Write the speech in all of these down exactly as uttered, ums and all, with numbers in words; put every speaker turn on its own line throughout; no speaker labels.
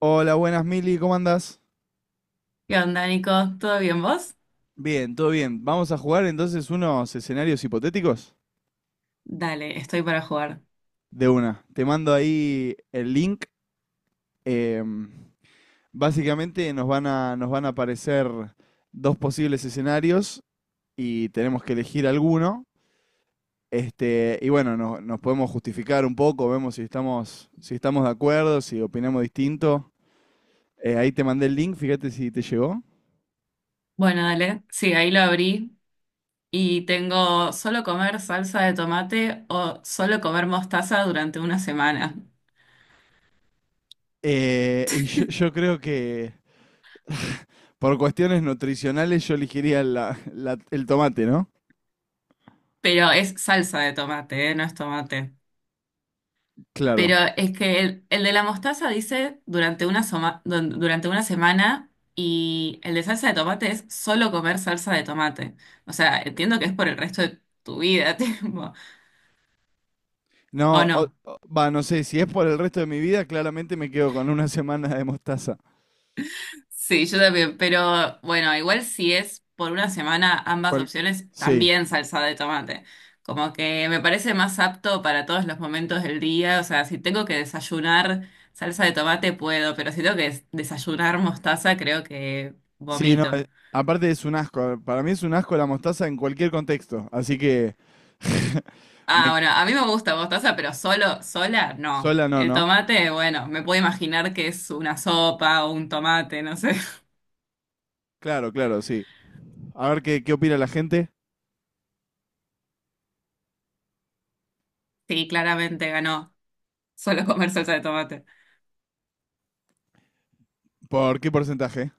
Hola, buenas Mili, ¿cómo andás?
¿Qué onda, Nico? ¿Todo bien vos?
Bien, todo bien. Vamos a jugar entonces unos escenarios hipotéticos.
Dale, estoy para jugar.
De una, te mando ahí el link. em, Básicamente nos van a, nos van a aparecer dos posibles escenarios y tenemos que elegir alguno. Este, y bueno, no- nos podemos justificar un poco, vemos si estamos, si estamos de acuerdo, si opinamos distinto. Eh, ahí te mandé el link, fíjate si te llegó.
Bueno, dale. Sí, ahí lo abrí y tengo solo comer salsa de tomate o solo comer mostaza durante una semana.
Eh, y yo, yo creo que por cuestiones nutricionales yo elegiría la- la- el tomate, ¿no?
Pero es salsa de tomate, ¿eh? No es tomate.
Claro.
Pero es que el, el de la mostaza dice durante una, soma- dun- durante una semana y el de salsa de tomate es solo comer salsa de tomate. O sea, entiendo que es por el resto de tu vida, tipo, ¿o
No, o-
no?
o- va, no sé, si es por el resto de mi vida, claramente me quedo con una semana de mostaza.
Sí, yo también, pero bueno, igual si es por una semana ambas
Cual-
opciones,
Sí,
también salsa de tomate. Como que me parece más apto para todos los momentos del día, o sea, si tengo que desayunar salsa de tomate puedo, pero si tengo que des- desayunar mostaza creo que
sí, no, eh,
vomito.
aparte es un asco, para mí es un asco la mostaza en cualquier contexto, así que.
Ah,
me
bueno,
que-
a mí me gusta mostaza, pero solo, sola, no.
Sola no,
El
¿no?
tomate, bueno, me puedo imaginar que es una sopa o un tomate, no sé.
Claro, claro, sí. A ver qué, qué opina la gente,
Sí, claramente ganó solo comer salsa de tomate.
por qué porcentaje.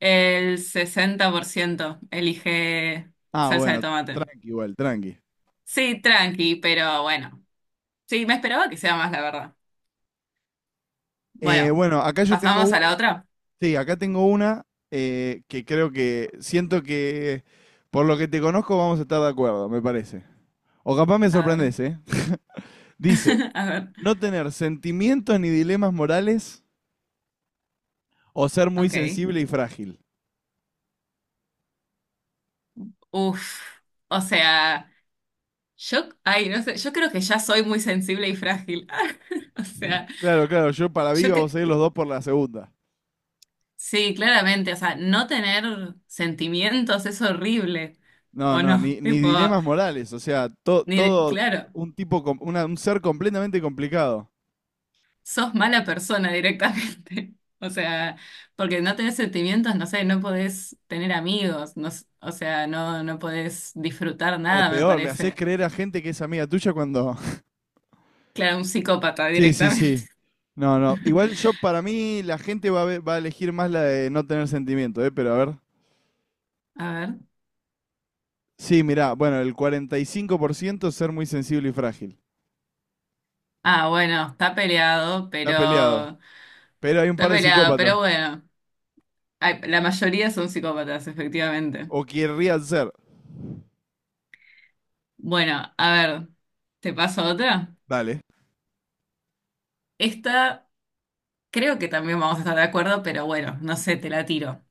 El sesenta por ciento elige
Ah,
salsa de
bueno,
tomate.
tranqui igual, tranqui.
Sí, tranqui, pero bueno. Sí, me esperaba que sea más, la verdad.
Eh,
Bueno,
bueno, acá yo tengo
pasamos a
una.
la otra.
Sí, acá tengo una eh, que creo que siento que por lo que te conozco vamos a estar de acuerdo, me parece. O capaz me
A ver.
sorprendes, ¿eh? Dice,
A ver.
no tener sentimientos ni dilemas morales o ser muy
Ok.
sensible y frágil.
Uf. O sea, yo, ay, no sé, yo creo que ya soy muy sensible y frágil. O sea,
Claro, claro, yo para
yo
viva vos
que,
a ir los dos por la segunda.
sí, claramente, o sea, no tener sentimientos es horrible.
No,
¿O
no,
no?
ni, ni
Tipo,
dilemas morales, o sea, to-
ni,
todo
claro.
un tipo, com- una- un ser completamente complicado.
Sos mala persona directamente. O sea, porque no tenés sentimientos, no sé, no podés tener amigos, no, s- o sea, no, no podés disfrutar
O
nada, me
peor, le haces
parece.
creer a gente que es amiga tuya cuando...
Claro, un psicópata
Sí, sí,
directamente.
sí. No, no. Igual yo, para mí, la gente va a, ve- va a elegir más la de no tener sentimiento, ¿eh? Pero a ver.
A ver.
Sí, mirá, bueno, el cuarenta y cinco por ciento es ser muy sensible y frágil.
Ah, bueno, está peleado,
Está peleado.
pero.
Pero hay un
Está
par de
peleado,
psicópatas.
pero bueno. Ay, la mayoría son psicópatas, efectivamente.
O querrían ser.
Bueno, a ver, ¿te paso otra?
Dale,
Esta creo que también vamos a estar de acuerdo, pero bueno, no sé, te la tiro.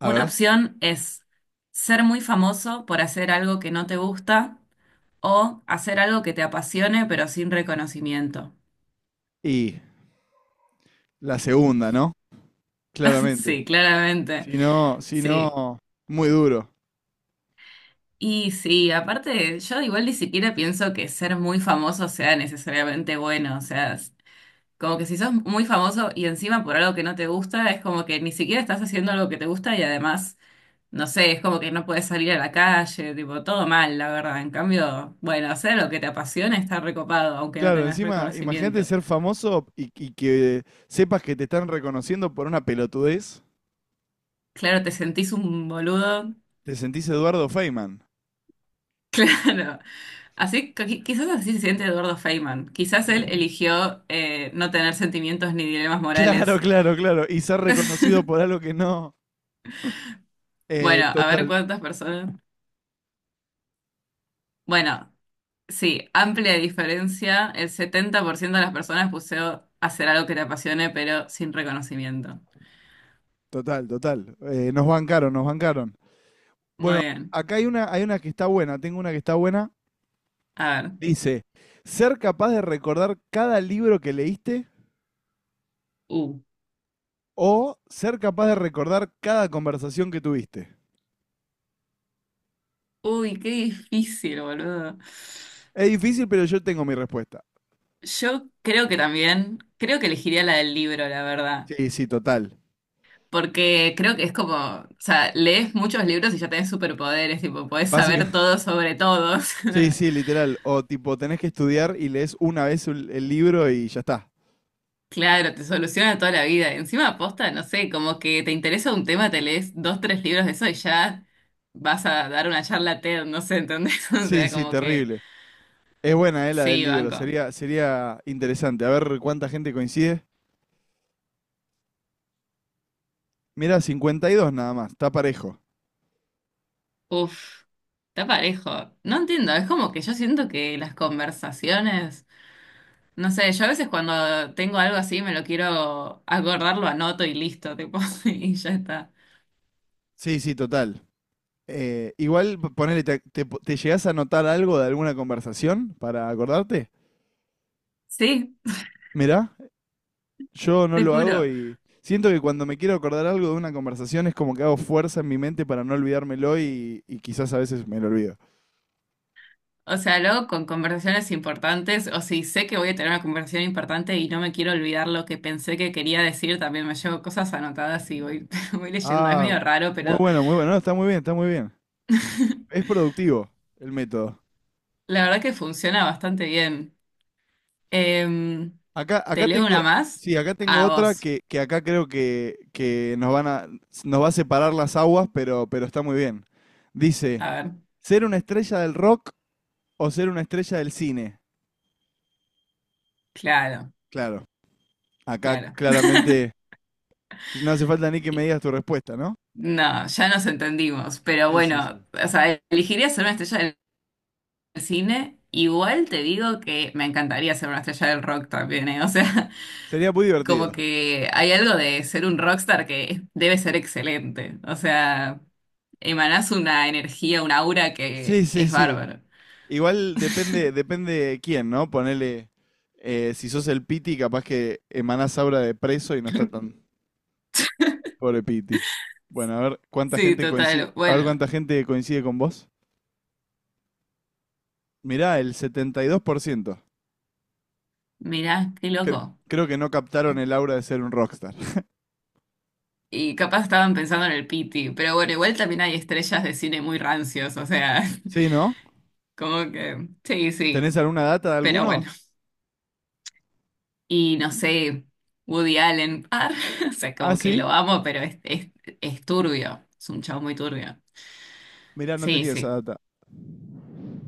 a
Una
ver.
opción es ser muy famoso por hacer algo que no te gusta o hacer algo que te apasione pero sin reconocimiento.
Y la segunda, ¿no? Claramente.
Sí, claramente.
Si no, si
Sí.
no, muy duro.
Y sí, aparte, yo igual ni siquiera pienso que ser muy famoso sea necesariamente bueno. O sea, es como que si sos muy famoso y encima por algo que no te gusta, es como que ni siquiera estás haciendo algo que te gusta y además. No sé, es como que no puedes salir a la calle, tipo, todo mal, la verdad. En cambio, bueno, hacer lo que te apasiona está recopado, aunque no
Claro,
tengas
encima, imagínate
reconocimiento.
ser famoso y, y que sepas que te están reconociendo por una pelotudez.
Claro, te sentís un boludo.
Te sentís Eduardo Feynman.
Claro. Así, qui- quizás así se siente Eduardo Feynman. Quizás él eligió eh, no tener sentimientos ni dilemas
Claro,
morales.
claro, claro. Y ser reconocido por algo que no. Eh,
Bueno, a ver
total,
cuántas personas. Bueno, sí, amplia diferencia. El setenta por ciento de las personas puso hacer algo que te apasione, pero sin reconocimiento.
total, total. Eh, nos bancaron, nos bancaron.
Muy
Bueno,
bien.
acá hay una, hay una que está buena. Tengo una que está buena.
A ver.
Dice, ser capaz de recordar cada libro que leíste
Uh,
o ser capaz de recordar cada conversación que tuviste.
uy, qué difícil, boludo.
Es difícil, pero yo tengo mi respuesta.
Yo creo que también, creo que elegiría la del libro, la verdad.
Sí, sí, total.
Porque creo que es como, o sea, lees muchos libros y ya tenés superpoderes, tipo, podés
Básica.
saber todo sobre todos.
Sí, sí, literal. O tipo, tenés que estudiar y lees una vez el el libro y ya está.
Claro, te soluciona toda la vida. Encima, aposta, no sé, como que te interesa un tema, te lees dos, tres libros de eso y ya vas a dar una charla TED, no sé, ¿entendés? O
Sí,
sea,
sí,
como que
terrible. Es buena, eh, la del
sí,
libro.
banco.
Sería, sería interesante. A ver cuánta gente coincide. Mira, cincuenta y dos nada más. Está parejo.
Uf, está parejo. No entiendo, es como que yo siento que las conversaciones, no sé, yo a veces cuando tengo algo así me lo quiero acordar, lo anoto y listo, tipo, y ya está.
Sí, sí, total. Eh, igual, p- ponele, te, te, ¿te llegás a notar algo de alguna conversación para acordarte?
Sí,
Mirá, yo no
te
lo hago
juro.
y siento que cuando me quiero acordar algo de una conversación es como que hago fuerza en mi mente para no olvidármelo y, y quizás a veces me lo olvido.
O sea, luego con conversaciones importantes, o si sé que voy a tener una conversación importante y no me quiero olvidar lo que pensé que quería decir, también me llevo cosas anotadas y voy, voy leyendo. Es
Ah,
medio raro,
muy
pero
bueno, muy bueno. No, está muy bien, está muy bien. Es productivo el método.
la verdad que funciona bastante bien. Em,
Acá,
¿te
acá
leo una
tengo,
más?
sí, acá tengo
A
otra
vos.
que, que acá creo que, que nos van a... nos va a separar las aguas, pero, pero está muy bien. Dice,
A ver,
¿ser una estrella del rock o ser una estrella del cine?
claro,
Claro, acá
claro.
claramente no hace falta ni que me digas tu respuesta, ¿no?
No, ya nos entendimos, pero
Sí, sí,
bueno,
sí.
o sea, elegiría ser una estrella del cine. Igual te digo que me encantaría ser una estrella del rock también, ¿eh? O sea,
Sería muy
como
divertido.
que hay algo de ser un rockstar que debe ser excelente. O sea, emanás una energía, un aura
Sí,
que
sí,
es
sí.
bárbaro.
Igual depende, depende quién, ¿no? Ponele, eh, si sos el Piti, capaz que emanás aura de preso y no está tan... Pobre Piti. Bueno, a ver cuánta
Sí,
gente coincide,
total.
a ver
Bueno,
cuánta gente coincide con vos. Mirá, el setenta y dos por ciento.
mirá, qué
Cre-
loco.
Creo que no captaron el aura de ser un rockstar.
Y capaz estaban pensando en el Piti, pero bueno, igual también hay estrellas de cine muy rancios, o sea.
Sí, ¿no?
Como que, sí,
¿Tenés
sí,
alguna data de
pero
alguno?
bueno. Y no sé, Woody Allen, ar, o sea,
Ah,
como que
sí.
lo amo, pero es, es, es, turbio, es un chavo muy turbio.
Mirá, no
Sí,
tenía esa
sí,
data.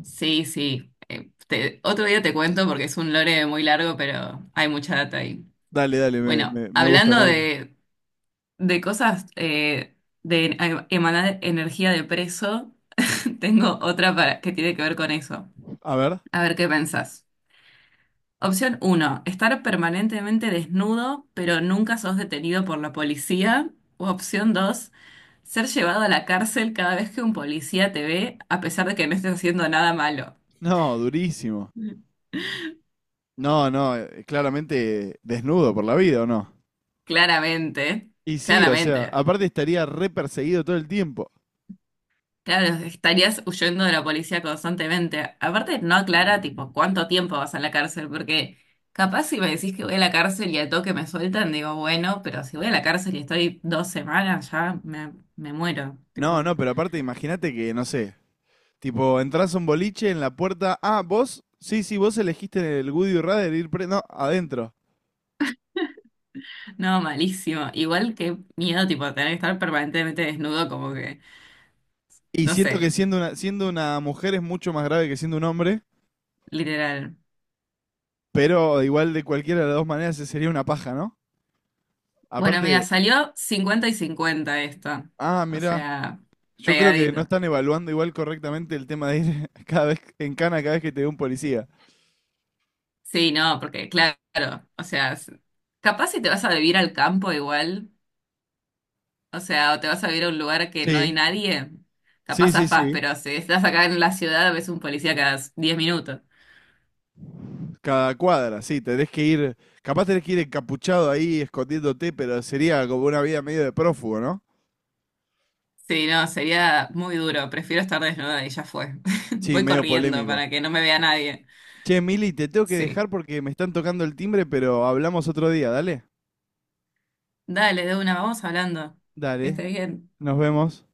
sí, sí. Eh, te- otro día te cuento porque es un lore muy largo, pero hay mucha data ahí.
Dale, dale, me,
Bueno,
me- me gusta,
hablando
me gusta.
de, de cosas eh, de em- emanar energía de preso, tengo otra para, que tiene que ver con eso.
A ver.
A ver qué pensás. Opción uno: estar permanentemente desnudo, pero nunca sos detenido por la policía. O opción dos: ser llevado a la cárcel cada vez que un policía te ve, a pesar de que no estés haciendo nada malo.
No, durísimo. No, no, eh, claramente desnudo por la vida, ¿o no?
Claramente,
Y sí, o sea,
claramente.
aparte estaría re perseguido todo el tiempo.
Claro, estarías huyendo de la policía constantemente. Aparte, no aclara, tipo, cuánto tiempo vas a la cárcel, porque capaz si me decís que voy a la cárcel y al toque me sueltan, digo, bueno, pero si voy a la cárcel y estoy dos semanas, ya me, me muero.
No,
Tipo.
no, pero aparte imagínate que, no sé, tipo, entras a un boliche en la puerta. Ah, vos. Sí, sí, vos elegiste el Goody Radar ir pre. No, adentro.
No, malísimo. Igual que miedo, tipo, tener que estar permanentemente desnudo, como que,
Y
no
siento que
sé,
siendo una, siendo una mujer es mucho más grave que siendo un hombre.
literal.
Pero igual de cualquiera de las dos maneras se sería una paja, ¿no?
Bueno, mira,
Aparte,
salió cincuenta y cincuenta esto.
ah,
O
mirá.
sea,
Yo creo que no
pegadito.
están evaluando igual correctamente el tema de ir cada vez en cana cada vez que te ve un policía.
Sí, no, porque claro, o sea, s- capaz si te vas a vivir al campo igual, o sea, o te vas a vivir a un lugar que no
Sí,
hay nadie,
sí,
capaz
sí,
afás,
sí.
pero si estás acá en la ciudad ves un policía cada s- diez minutos.
Cada cuadra, sí, tenés que ir, capaz tenés que ir encapuchado ahí escondiéndote, pero sería como una vida medio de prófugo, ¿no?
Sí, no, sería muy duro. Prefiero estar desnuda y ya fue.
Sí,
Voy
medio
corriendo
polémico.
para que no me vea nadie.
Che, Mili, te tengo que dejar
Sí.
porque me están tocando el timbre, pero hablamos otro día, dale.
Dale, de una, vamos hablando. Que esté
Dale,
bien.
nos vemos.